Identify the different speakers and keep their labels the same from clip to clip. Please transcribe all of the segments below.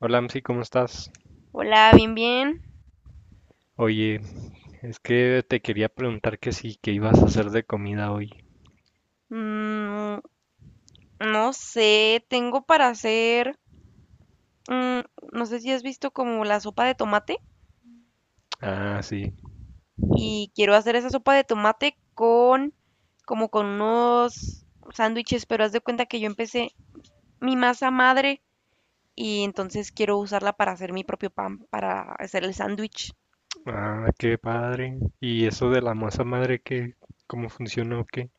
Speaker 1: Hola, Amsi, ¿cómo estás?
Speaker 2: Hola, bien, bien.
Speaker 1: Oye, es que te quería preguntar que sí, que ibas a hacer de comida hoy.
Speaker 2: Mm, no sé, tengo para hacer, mm, no sé si has visto como la sopa de tomate
Speaker 1: Ah, sí.
Speaker 2: y quiero hacer esa sopa de tomate con, como con unos sándwiches, pero haz de cuenta que yo empecé mi masa madre y entonces quiero usarla para hacer mi propio pan, para hacer el sándwich.
Speaker 1: Ah, qué padre. ¿Y eso de la masa madre, qué, cómo funciona o qué?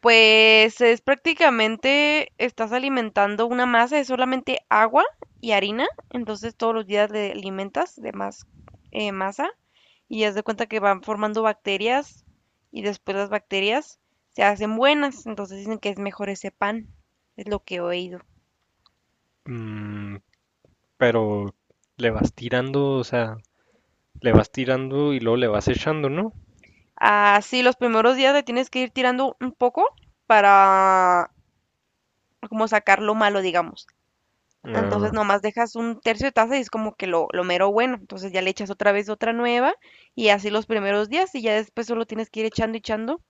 Speaker 2: Pues es prácticamente, estás alimentando una masa, es solamente agua y harina, entonces todos los días le alimentas de más masa y haz de cuenta que van formando bacterias y después las bacterias se hacen buenas, entonces dicen que es mejor ese pan, es lo que he oído.
Speaker 1: Mm, pero le vas tirando, o sea, le vas tirando y luego le vas echando, ¿no?
Speaker 2: Así, los primeros días le tienes que ir tirando un poco para como sacar lo malo, digamos. Entonces
Speaker 1: Ah,
Speaker 2: nomás dejas un tercio de taza y es como que lo mero bueno. Entonces ya le echas otra vez otra nueva y así los primeros días y ya después solo tienes que ir echando y echando.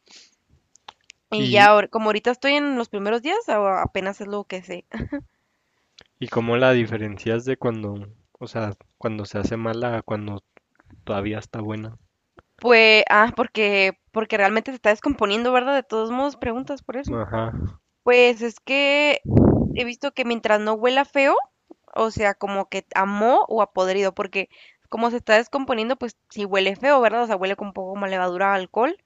Speaker 2: Y ya,
Speaker 1: y,
Speaker 2: como ahorita estoy en los primeros días, apenas es lo que sé.
Speaker 1: y cómo la diferencias de cuando, o sea, cuando se hace mala a cuando todavía está buena.
Speaker 2: Pues, ah, porque, porque realmente se está descomponiendo, ¿verdad? De todos modos, preguntas por eso.
Speaker 1: Ajá.
Speaker 2: Pues es que he visto que mientras no huela feo, o sea, como que a moho o a podrido, porque como se está descomponiendo, pues sí huele feo, ¿verdad? O sea, huele con un poco como a levadura a alcohol,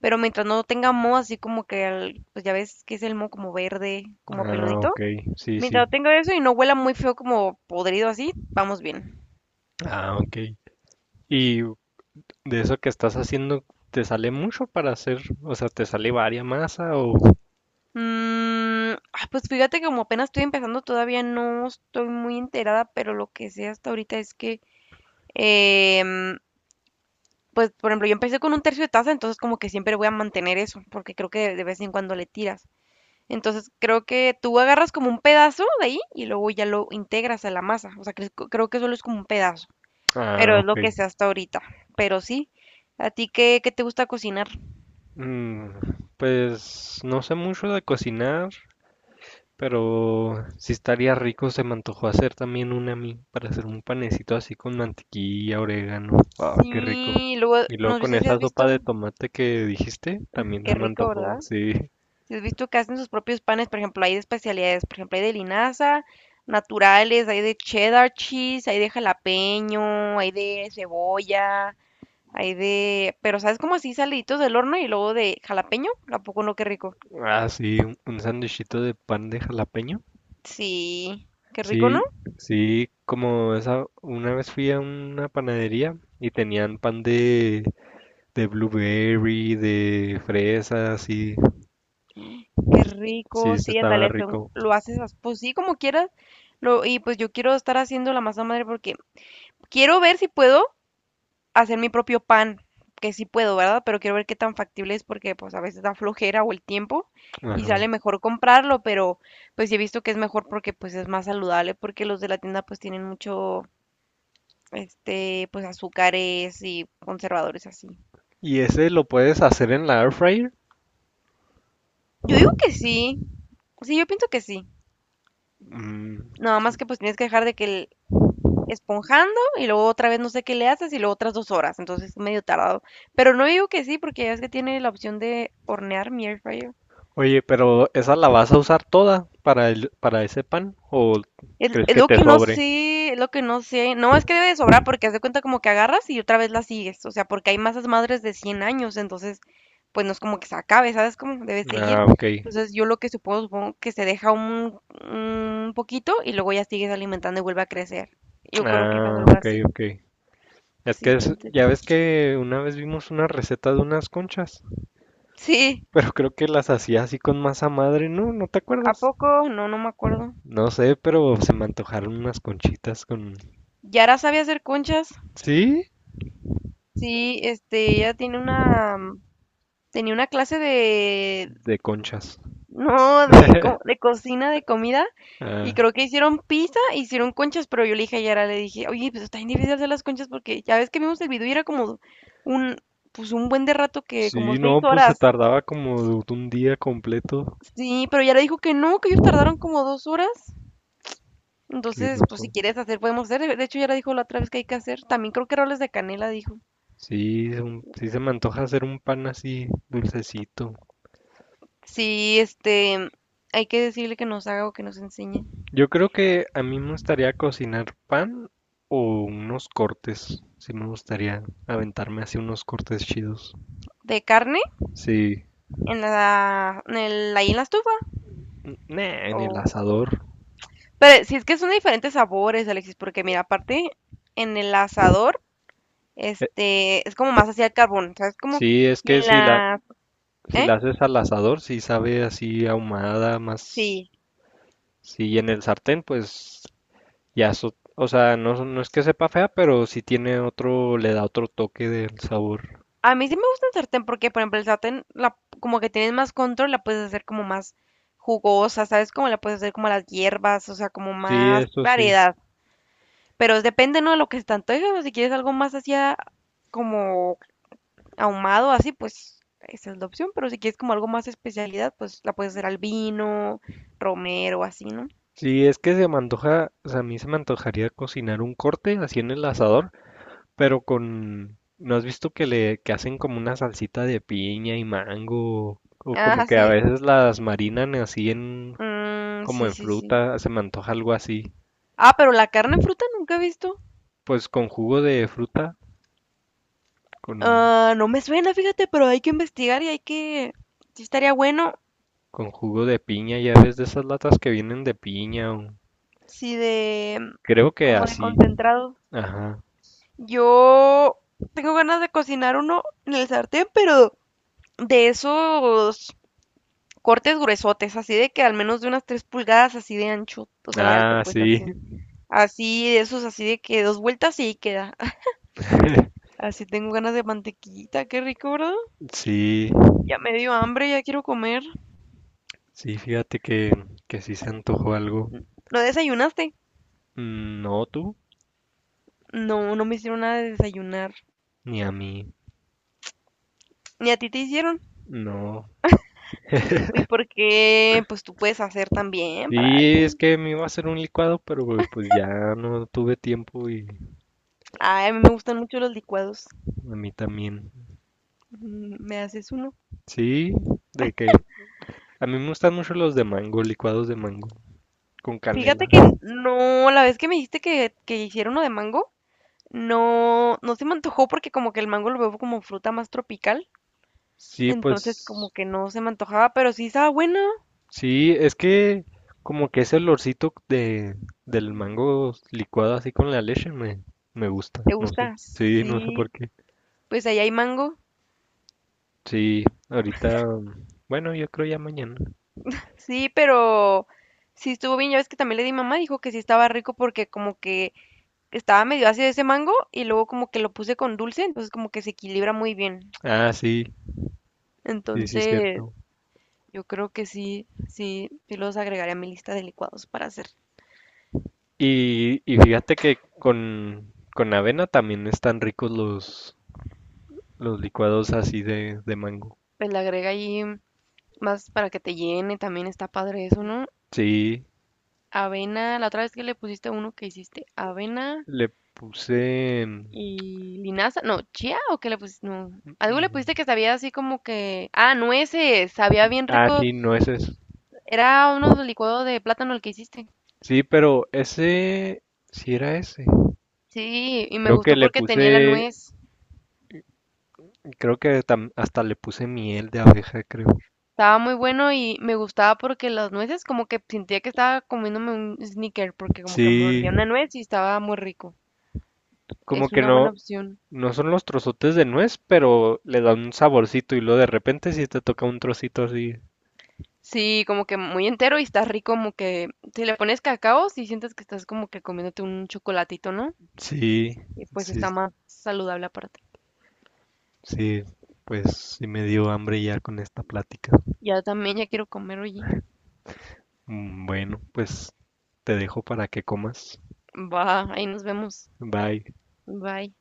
Speaker 2: pero mientras no tenga moho, así como que, pues ya ves que es el moho como verde, como
Speaker 1: Ah, ok.
Speaker 2: peludito.
Speaker 1: Sí,
Speaker 2: Mientras
Speaker 1: sí.
Speaker 2: no tenga eso y no huela muy feo como podrido así, vamos bien.
Speaker 1: Ah, ok. ¿Y de eso que estás haciendo, ¿te sale mucho para hacer? O sea, ¿te sale varia masa o...?
Speaker 2: Mm, ah, pues fíjate que como apenas estoy empezando, todavía no estoy muy enterada, pero lo que sé hasta ahorita es que... em, pues, por ejemplo, yo empecé con un tercio de taza, entonces como que siempre voy a mantener eso, porque creo que de vez en cuando le tiras. Entonces creo que tú agarras como un pedazo de ahí y luego ya lo integras a la masa. O sea, creo que solo es como un pedazo,
Speaker 1: Ah,
Speaker 2: pero es
Speaker 1: ok.
Speaker 2: lo que sé hasta ahorita. Pero sí, ¿a ti qué, qué te gusta cocinar?
Speaker 1: Mm, pues no sé mucho de cocinar, pero sí estaría rico. Se me antojó hacer también una a mí para hacer un panecito así con mantequilla, orégano. Ah, qué rico.
Speaker 2: Sí, luego,
Speaker 1: Y luego
Speaker 2: no
Speaker 1: con
Speaker 2: sé si
Speaker 1: esa
Speaker 2: has
Speaker 1: sopa de
Speaker 2: visto,
Speaker 1: tomate que dijiste, también
Speaker 2: qué
Speaker 1: se me
Speaker 2: rico,
Speaker 1: antojó,
Speaker 2: ¿verdad?
Speaker 1: sí.
Speaker 2: Si has visto que hacen sus propios panes, por ejemplo, hay de especialidades, por ejemplo, hay de linaza, naturales, hay de cheddar cheese, hay de jalapeño, hay de cebolla, hay de, pero sabes como así saliditos del horno y luego de jalapeño, ¿a poco no? Qué rico.
Speaker 1: Ah, sí, un sandwichito de pan de jalapeño.
Speaker 2: Sí, qué rico, ¿no?
Speaker 1: Sí, sí, como esa, una vez fui a una panadería y tenían pan de blueberry, de fresas, y
Speaker 2: Qué
Speaker 1: sí,
Speaker 2: rico,
Speaker 1: se
Speaker 2: sí,
Speaker 1: estaba
Speaker 2: ándale,
Speaker 1: rico.
Speaker 2: lo haces, pues sí, como quieras. Lo, y pues yo quiero estar haciendo la masa madre porque quiero ver si puedo hacer mi propio pan, que sí puedo, ¿verdad? Pero quiero ver qué tan factible es porque pues a veces da flojera o el tiempo y
Speaker 1: Ajá.
Speaker 2: sale mejor comprarlo, pero pues sí he visto que es mejor porque pues es más saludable porque los de la tienda pues tienen mucho este, pues azúcares y conservadores así.
Speaker 1: ¿Y ese lo puedes hacer en la air fryer?
Speaker 2: Yo digo que sí. Sí, yo pienso que sí.
Speaker 1: Mm.
Speaker 2: Nada más que pues tienes que dejar de que el esponjando y luego otra vez no sé qué le haces y luego otras dos horas. Entonces es medio tardado. Pero no digo que sí porque ya es que tiene la opción de hornear mi air fryer.
Speaker 1: Oye, pero ¿esa la vas a usar toda para el, para ese pan? ¿O
Speaker 2: Es,
Speaker 1: crees
Speaker 2: es
Speaker 1: que
Speaker 2: lo
Speaker 1: te
Speaker 2: que no
Speaker 1: sobre?
Speaker 2: sé, es lo que no sé. No, es que debe de sobrar porque haz de cuenta como que agarras y otra vez la sigues. O sea, porque hay masas madres de 100 años, entonces, pues no es como que se acabe, ¿sabes? Como debe seguir.
Speaker 1: Ah, ok.
Speaker 2: Entonces, yo lo que supongo, supongo que se deja un poquito y luego ya sigues alimentando y vuelve a crecer. Yo creo que es
Speaker 1: Ah,
Speaker 2: algo
Speaker 1: ok,
Speaker 2: así.
Speaker 1: ok.
Speaker 2: Sí, está
Speaker 1: Ya
Speaker 2: interesante.
Speaker 1: ves que una vez vimos una receta de unas conchas.
Speaker 2: Sí,
Speaker 1: Pero creo que las hacía así con masa madre, ¿no? ¿No te
Speaker 2: ¿a
Speaker 1: acuerdas?
Speaker 2: poco? No, no me acuerdo.
Speaker 1: No sé, pero se me antojaron unas conchitas con...
Speaker 2: ¿Yara sabe hacer conchas?
Speaker 1: ¿Sí?
Speaker 2: Sí, este, ella tiene una, tenía una clase de,
Speaker 1: De conchas.
Speaker 2: no, de, de cocina, de comida. Y
Speaker 1: Ah,
Speaker 2: creo que hicieron pizza, hicieron conchas, pero yo le dije a Yara, le dije, oye, pues está bien difícil hacer las conchas porque ya ves que vimos el video y era como un, pues un buen de rato que como
Speaker 1: sí,
Speaker 2: seis
Speaker 1: no, pues se
Speaker 2: horas.
Speaker 1: tardaba como de un día completo.
Speaker 2: Sí, pero Yara dijo que no, que ellos tardaron como 2 horas.
Speaker 1: Qué
Speaker 2: Entonces, pues si
Speaker 1: loco.
Speaker 2: quieres hacer, podemos hacer. De hecho, Yara dijo la otra vez que hay que hacer. También creo que roles de canela, dijo.
Speaker 1: Sí, sí se me antoja hacer un pan así dulcecito.
Speaker 2: Sí, este, hay que decirle que nos haga o que nos enseñe.
Speaker 1: Yo creo que a mí me gustaría cocinar pan o unos cortes. Sí me gustaría aventarme así unos cortes chidos.
Speaker 2: ¿De carne?
Speaker 1: Sí.
Speaker 2: ¿En la, ahí en la estufa?
Speaker 1: Nah, en el
Speaker 2: ¿O
Speaker 1: asador.
Speaker 2: pero si es que son de diferentes sabores, Alexis, porque mira, aparte en el asador, este, es como más hacia el carbón, ¿sabes? Como,
Speaker 1: Sí, es
Speaker 2: y
Speaker 1: que
Speaker 2: en
Speaker 1: si la,
Speaker 2: la,
Speaker 1: si
Speaker 2: ¿eh?
Speaker 1: la haces al asador, sí sabe así ahumada, más,
Speaker 2: Sí.
Speaker 1: sí, en el sartén, pues ya eso, o sea, no, no es que sepa fea, pero sí tiene otro, le da otro toque del sabor.
Speaker 2: A mí sí me gusta el sartén porque, por ejemplo, el sartén, la, como que tienes más control, la puedes hacer como más jugosa, ¿sabes? Como la puedes hacer como las hierbas, o sea, como
Speaker 1: Sí,
Speaker 2: más
Speaker 1: eso sí.
Speaker 2: variedad. Pero depende, ¿no? De lo que se te antoje, o si quieres algo más hacia como ahumado así, pues esa es la opción, pero si quieres como algo más especialidad, pues la puedes hacer al vino, romero, así, ¿no?
Speaker 1: Sí, es que se me antoja, o sea, a mí se me antojaría cocinar un corte así en el asador, pero con, ¿no has visto que hacen como una salsita de piña y mango, o como
Speaker 2: Ah,
Speaker 1: que a
Speaker 2: sí.
Speaker 1: veces las marinan así en,
Speaker 2: Mm,
Speaker 1: como
Speaker 2: sí,
Speaker 1: en
Speaker 2: sí, sí.
Speaker 1: fruta, se me antoja algo así.
Speaker 2: Ah, pero la carne en fruta nunca he visto.
Speaker 1: Pues con jugo de fruta, con,
Speaker 2: Ah, no me suena, fíjate, pero hay que investigar y hay que... Sí estaría bueno,
Speaker 1: con jugo de piña, ya ves de esas latas que vienen de piña, o-
Speaker 2: sí de...
Speaker 1: creo que
Speaker 2: como de
Speaker 1: así,
Speaker 2: concentrado.
Speaker 1: ajá.
Speaker 2: Yo tengo ganas de cocinar uno en el sartén, pero de esos cortes gruesotes, así de que al menos de unas 3 pulgadas, así de ancho, o sea, de alto,
Speaker 1: Ah,
Speaker 2: pues
Speaker 1: sí,
Speaker 2: así. Así de esos, así de que dos vueltas y ahí queda. Así tengo ganas de mantequita, qué rico, ¿verdad?
Speaker 1: sí,
Speaker 2: Ya me dio hambre, ya quiero comer.
Speaker 1: sí, fíjate que sí se antojó algo.
Speaker 2: ¿No desayunaste?
Speaker 1: Mm, no tú,
Speaker 2: No, no me hicieron nada de desayunar.
Speaker 1: ni a mí,
Speaker 2: Ni a ti te hicieron.
Speaker 1: no.
Speaker 2: ¿Y por qué? Pues tú puedes hacer también para
Speaker 1: Sí, es
Speaker 2: alguien.
Speaker 1: que me iba a hacer un licuado, pero pues ya no tuve tiempo y
Speaker 2: Ay, a mí me gustan mucho los licuados.
Speaker 1: a mí también.
Speaker 2: Mm, ¿me haces uno?
Speaker 1: Sí, de que a mí me gustan mucho los de mango, licuados de mango, con
Speaker 2: Fíjate
Speaker 1: canela.
Speaker 2: que no, la vez que me dijiste que hicieron uno de mango, no, no se me antojó porque como que el mango lo veo como fruta más tropical,
Speaker 1: Sí,
Speaker 2: entonces como
Speaker 1: pues
Speaker 2: que no se me antojaba, pero sí estaba buena.
Speaker 1: sí, es que como que ese olorcito de, del mango licuado así con la leche me, me gusta,
Speaker 2: ¿Te
Speaker 1: no sé.
Speaker 2: gusta?
Speaker 1: Sí, no sé
Speaker 2: Sí,
Speaker 1: por qué.
Speaker 2: pues ahí hay mango.
Speaker 1: Sí, ahorita, bueno, yo creo ya mañana.
Speaker 2: Sí, pero sí estuvo bien. Ya ves que también le di a mamá, dijo que sí estaba rico porque como que estaba medio ácido ese mango y luego como que lo puse con dulce, entonces como que se equilibra muy bien.
Speaker 1: Ah, sí, sí, sí,
Speaker 2: Entonces,
Speaker 1: cierto.
Speaker 2: yo creo que sí, sí, sí los agregaré a mi lista de licuados para hacer.
Speaker 1: Y fíjate que con avena también están ricos los licuados así de mango.
Speaker 2: Pues le agrega ahí más para que te llene, también está padre eso, ¿no?
Speaker 1: Sí,
Speaker 2: Avena, la otra vez que le pusiste uno que hiciste, avena
Speaker 1: le puse...
Speaker 2: y linaza, no, chía o qué le pusiste, no, algo le pusiste que
Speaker 1: mm,
Speaker 2: sabía así como que, ah, nueces, sabía bien
Speaker 1: ah,
Speaker 2: rico,
Speaker 1: sí, no ese es.
Speaker 2: era uno de licuado de plátano el que hiciste.
Speaker 1: Sí, pero ese... Sí era ese.
Speaker 2: Sí, y me
Speaker 1: Creo que
Speaker 2: gustó
Speaker 1: le
Speaker 2: porque tenía la
Speaker 1: puse,
Speaker 2: nuez,
Speaker 1: creo que hasta le puse miel de abeja, creo.
Speaker 2: estaba muy bueno y me gustaba porque las nueces como que sentía que estaba comiéndome un sneaker porque como que
Speaker 1: Sí,
Speaker 2: mordía una nuez y estaba muy rico.
Speaker 1: como
Speaker 2: Es
Speaker 1: que
Speaker 2: una buena
Speaker 1: no,
Speaker 2: opción.
Speaker 1: no son los trozotes de nuez, pero le dan un saborcito y luego de repente sí te toca un trocito así.
Speaker 2: Sí, como que muy entero y está rico, como que si le pones cacao, si sientes que estás como que comiéndote un chocolatito, ¿no?
Speaker 1: Sí,
Speaker 2: Y pues
Speaker 1: sí,
Speaker 2: está más saludable aparte.
Speaker 1: sí, pues sí me dio hambre ya con esta plática.
Speaker 2: Ya también ya quiero comer, oye.
Speaker 1: Mm, bueno, pues te dejo para que comas.
Speaker 2: Va, ahí nos vemos.
Speaker 1: Bye.
Speaker 2: Bye.